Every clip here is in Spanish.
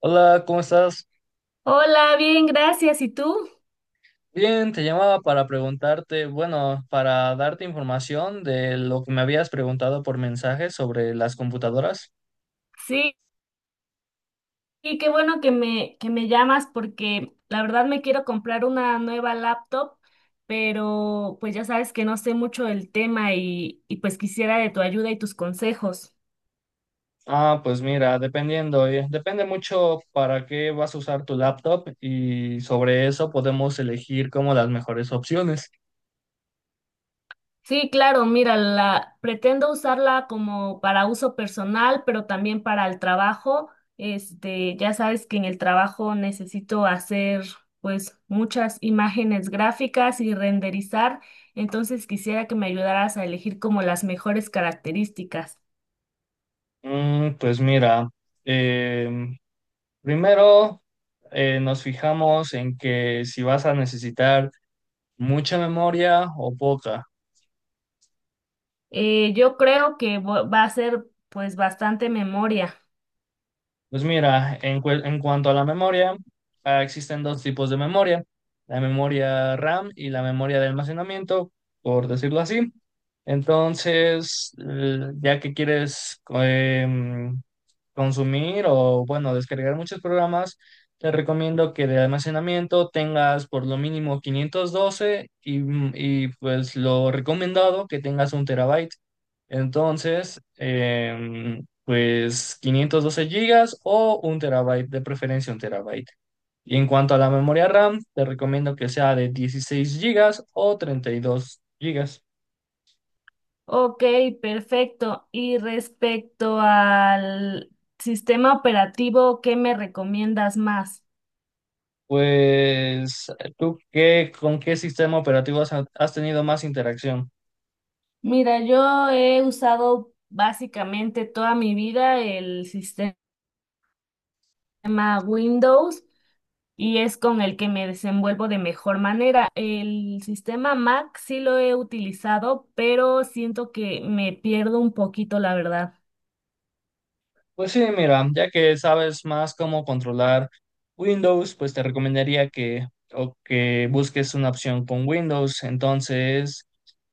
Hola, ¿cómo estás? Hola, bien, gracias. ¿Y tú? Bien, te llamaba para preguntarte, bueno, para darte información de lo que me habías preguntado por mensaje sobre las computadoras. Sí, y qué bueno que me llamas porque la verdad me quiero comprar una nueva laptop, pero pues ya sabes que no sé mucho del tema y pues quisiera de tu ayuda y tus consejos. Ah, pues mira, dependiendo, depende mucho para qué vas a usar tu laptop y sobre eso podemos elegir como las mejores opciones. Sí, claro, mira, la, pretendo usarla como para uso personal, pero también para el trabajo. Este, ya sabes que en el trabajo necesito hacer pues muchas imágenes gráficas y renderizar, entonces quisiera que me ayudaras a elegir como las mejores características. Mm, pues mira, em, primero nos fijamos en que si vas a necesitar mucha memoria o poca. Yo creo que va a ser pues bastante memoria. Pues mira, en cuanto a la memoria, existen dos tipos de memoria, la memoria RAM y la memoria de almacenamiento, por decirlo así. Entonces, ya que quieres consumir o, bueno, descargar muchos programas, te recomiendo que de almacenamiento tengas por lo mínimo 512 y, pues lo recomendado que tengas 1 TB. Entonces, pues 512 GB o 1 TB, de preferencia 1 TB. Y en cuanto a la memoria RAM, te recomiendo que sea de 16 GB o 32 GB. Ok, perfecto. Y respecto al sistema operativo, ¿qué me recomiendas más? Pues, ¿tú qué, con qué sistema operativo has tenido más interacción? Mira, yo he usado básicamente toda mi vida el sistema Windows y es con el que me desenvuelvo de mejor manera. El sistema Mac sí lo he utilizado, pero siento que me pierdo un poquito, la verdad. Pues sí, mira, ya que sabes más cómo controlar Windows, pues te recomendaría que o que busques una opción con Windows. Entonces,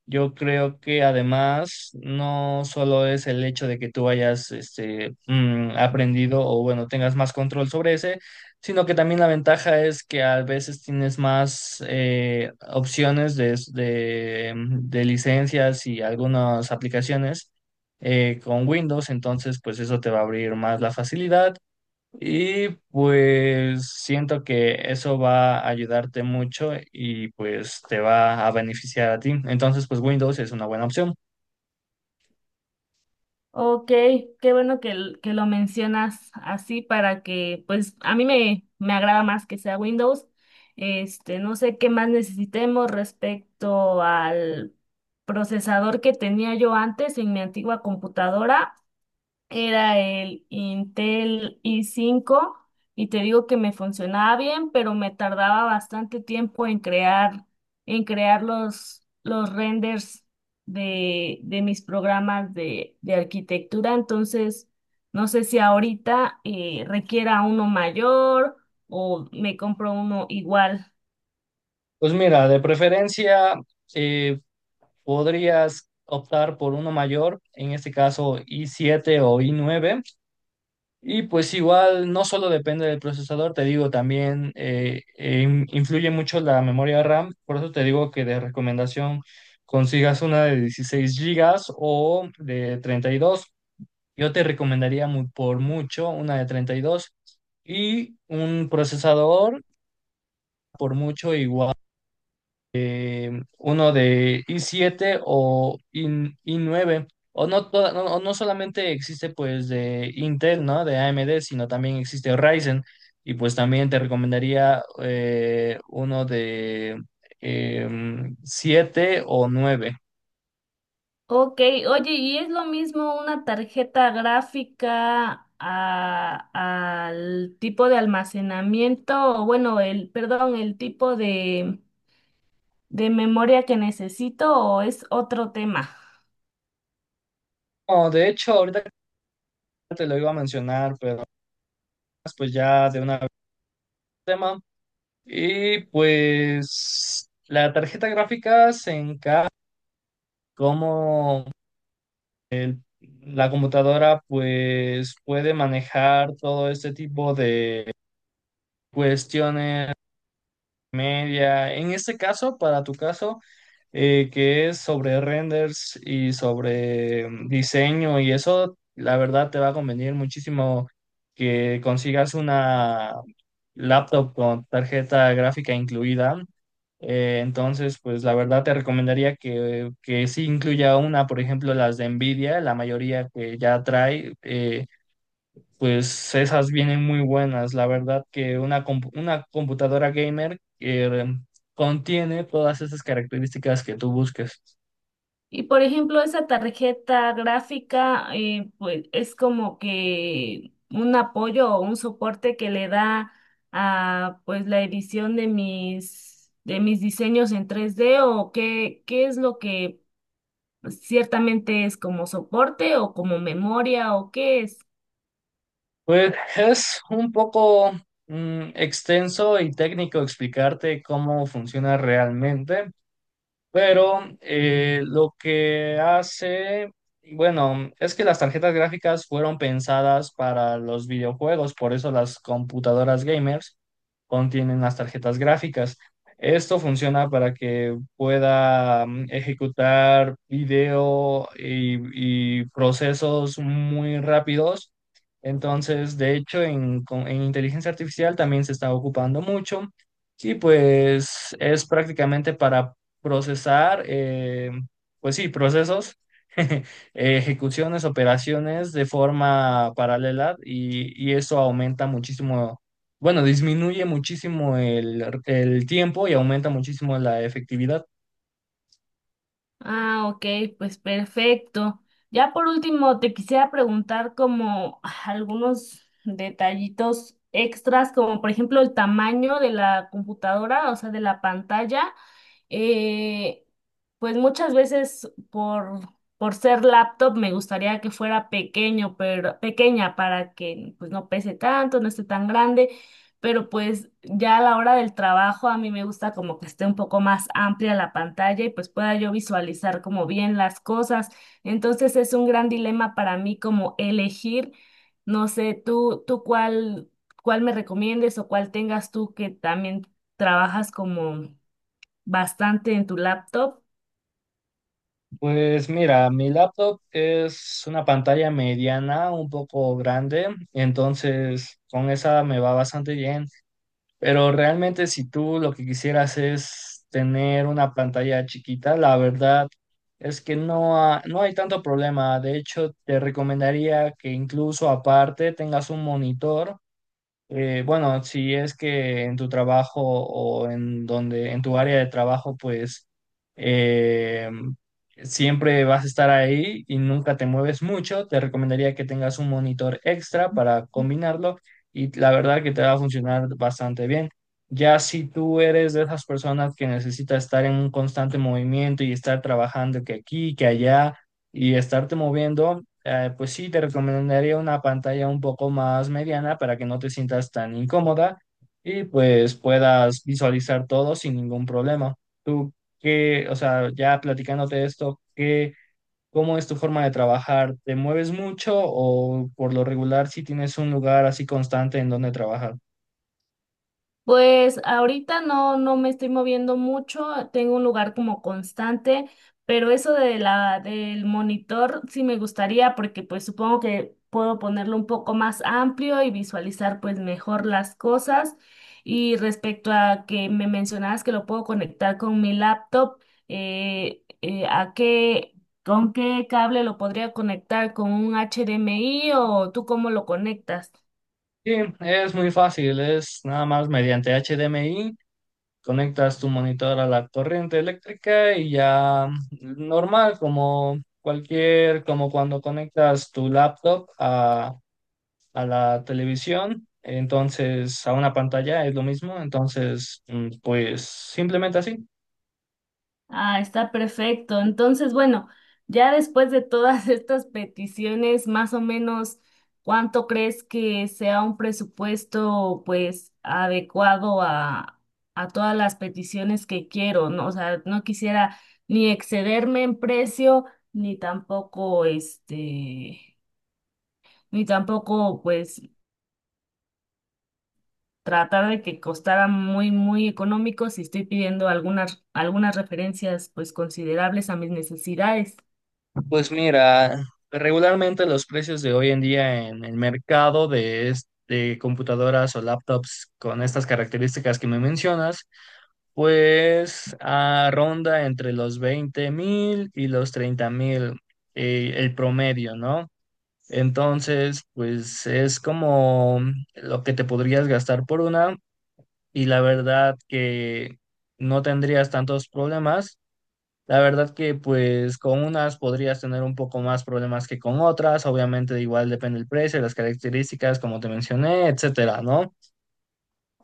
yo creo que además no solo es el hecho de que tú hayas aprendido o bueno, tengas más control sobre ese, sino que también la ventaja es que a veces tienes más opciones de licencias y algunas aplicaciones con Windows, entonces pues eso te va a abrir más la facilidad. Y pues siento que eso va a ayudarte mucho y pues te va a beneficiar a ti. Entonces, pues Windows es una buena opción. Ok, qué bueno que, que lo mencionas así para que, pues a me agrada más que sea Windows. Este, no sé qué más necesitemos respecto al procesador que tenía yo antes en mi antigua computadora. Era el Intel i5 y te digo que me funcionaba bien, pero me tardaba bastante tiempo en crear los renders de mis programas de arquitectura. Entonces, no sé si ahorita requiera uno mayor o me compro uno igual. Pues mira, de preferencia eh, podrías optar por uno mayor, en este caso i7 o i9. Y pues igual no solo depende del procesador, te digo, también influye mucho la memoria RAM. Por eso te digo que de recomendación consigas una de 16 gigas o de 32. Yo te recomendaría por mucho una de 32 y un procesador por mucho igual, uno de i siete o i9. O no, toda- no, o no solamente existe pues de Intel, ¿no? De AMD, sino también existe Ryzen. Y pues también te recomendaría uno de 7 o nueve. Ok, oye, ¿y es lo mismo una tarjeta gráfica al tipo de almacenamiento, o bueno, el, perdón, el tipo de memoria que necesito o es otro tema? No, de hecho, ahorita te lo iba a mencionar, pero pues ya de una vez el tema. Y pues la tarjeta gráfica se encarga cómo la computadora pues puede manejar todo este tipo de cuestiones media. En este caso, para tu caso, que es sobre renders y sobre diseño y eso, la verdad te va a convenir muchísimo que consigas una laptop con tarjeta gráfica incluida. Entonces, pues la verdad te recomendaría que sí incluya una, por ejemplo, las de Nvidia, la mayoría que ya trae. Pues esas vienen muy buenas. La verdad que una computadora gamer contiene todas esas características que tú busques. Y por ejemplo, esa tarjeta gráfica, pues es como que un apoyo o un soporte que le da a pues la edición de mis diseños en tres d o qué, qué es lo que ciertamente es como soporte o como memoria o qué es. Pues es un poco extenso y técnico explicarte cómo funciona realmente, pero lo que hace, bueno, es que las tarjetas gráficas fueron pensadas para los videojuegos, por eso las computadoras gamers contienen las tarjetas gráficas. Esto funciona para que pueda ejecutar video y procesos muy rápidos. Entonces, de hecho, en inteligencia artificial también se está ocupando mucho. Sí, pues es prácticamente para procesar, pues sí, procesos, eh, ejecuciones, operaciones de forma paralela y eso aumenta muchísimo, bueno, disminuye muchísimo el tiempo y aumenta muchísimo la efectividad. Ah, ok, pues perfecto. Ya por último, te quisiera preguntar como algunos detallitos extras, como por ejemplo el tamaño de la computadora, o sea, de la pantalla. Eh, pues muchas veces por ser laptop me gustaría que fuera pequeño, pero pequeña para que pues no pese tanto, no esté tan grande. Pero pues ya a la hora del trabajo a mí me gusta como que esté un poco más amplia la pantalla y pues pueda yo visualizar como bien las cosas. Entonces es un gran dilema para mí como elegir, no sé, tú cuál, cuál me recomiendes o cuál tengas tú que también trabajas como bastante en tu laptop. Pues mira, mi laptop es una pantalla mediana, un poco grande, entonces con esa me va bastante bien. Pero realmente si tú lo que quisieras es tener una pantalla chiquita, la verdad es que no hay tanto problema. De hecho, te recomendaría que incluso aparte tengas un monitor. Bueno, si es que en tu trabajo o en donde, en tu área de trabajo, pues eh, siempre vas a estar ahí y nunca te mueves mucho, te recomendaría que tengas un monitor extra para combinarlo y la verdad que te va a funcionar bastante bien. Ya si tú eres de esas personas que necesita estar en un constante movimiento y estar trabajando que aquí, que allá y estarte moviendo pues sí, te recomendaría una pantalla un poco más mediana para que no te sientas tan incómoda y pues puedas visualizar todo sin ningún problema. Tú, qué, o sea, ya platicándote de esto, ¿qué, cómo es tu forma de trabajar? ¿Te mueves mucho o por lo regular si tienes un lugar así constante en donde trabajar? Pues ahorita no me estoy moviendo mucho, tengo un lugar como constante, pero eso de la, del monitor sí me gustaría porque pues supongo que puedo ponerlo un poco más amplio y visualizar pues mejor las cosas. Y respecto a que me mencionabas que lo puedo conectar con mi laptop, ¿a qué, con qué cable lo podría conectar? ¿Con un HDMI o tú cómo lo conectas? Sí, es muy fácil, es nada más mediante HDMI. Conectas tu monitor a la corriente eléctrica y ya normal, como cualquier, como cuando conectas tu laptop a la televisión, entonces a una pantalla es lo mismo, entonces pues simplemente así. Ah, está perfecto. Entonces, bueno, ya después de todas estas peticiones, más o menos, ¿cuánto crees que sea un presupuesto, pues, adecuado a todas las peticiones que quiero? ¿No? O sea, no quisiera ni excederme en precio, ni tampoco, este, ni tampoco, pues, tratar de que costara muy económico si estoy pidiendo algunas, algunas referencias, pues, considerables a mis necesidades. Pues mira, regularmente los precios de hoy en día en el mercado de computadoras o laptops con estas características que me mencionas, pues ronda entre los 20,000 y los 30,000 el promedio, ¿no? Entonces, pues es como lo que te podrías gastar por una y la verdad que no tendrías tantos problemas. La verdad que pues con unas podrías tener un poco más problemas que con otras, obviamente igual depende el precio, las características, como te mencioné, etcétera, ¿no?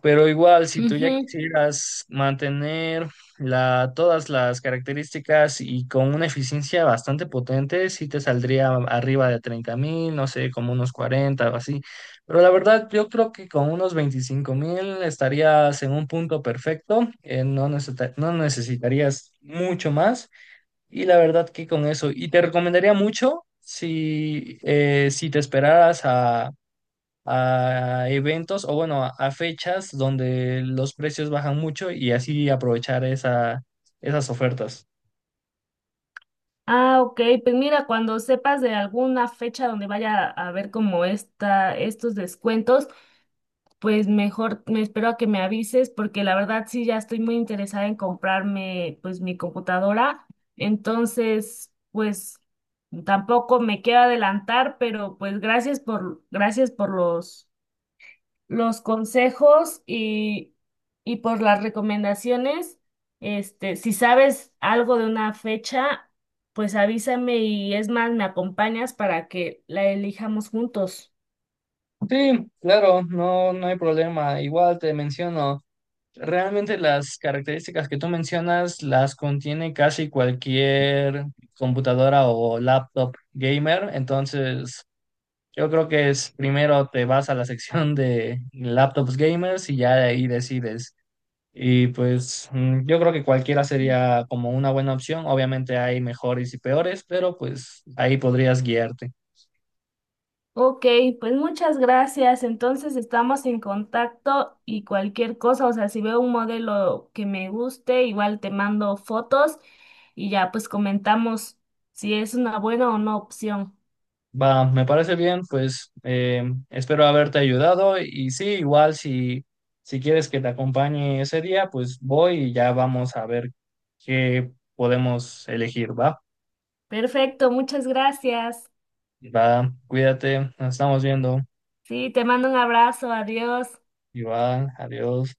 Pero igual si tú ya Ujú. quisieras mantener todas las características y con una eficiencia bastante potente, sí te saldría arriba de 30,000, no sé, como unos 40 o así. Pero la verdad yo creo que con unos 25,000 estarías en un punto perfecto, no necesitarías mucho más. Y la verdad que con eso, y te recomendaría mucho si te esperaras a eventos o bueno, a fechas donde los precios bajan mucho y así aprovechar esas ofertas. Ah, ok. Pues mira, cuando sepas de alguna fecha donde vaya a haber como esta, estos descuentos, pues mejor me espero a que me avises, porque la verdad sí ya estoy muy interesada en comprarme pues mi computadora. Entonces, pues tampoco me quiero adelantar, pero pues gracias por los consejos y por las recomendaciones. Este, si sabes algo de una fecha, pues avísame y es más, me acompañas para que la elijamos juntos. Sí, claro, no, no hay problema. Igual te menciono, realmente las características que tú mencionas las contiene casi cualquier computadora o laptop gamer, entonces... Yo creo que es primero te vas a la sección de laptops gamers y ya de ahí decides. Y pues yo creo que cualquiera sería como una buena opción. Obviamente hay mejores y peores, pero pues ahí podrías guiarte. Ok, pues muchas gracias. Entonces estamos en contacto y cualquier cosa, o sea, si veo un modelo que me guste, igual te mando fotos y ya pues comentamos si es una buena o no opción. Va, me parece bien, pues espero haberte ayudado y sí, igual si quieres que te acompañe ese día, pues voy y ya vamos a ver qué podemos elegir, ¿va? Perfecto, muchas gracias. Va, cuídate, nos estamos viendo. Sí, te mando un abrazo, adiós. Igual, adiós.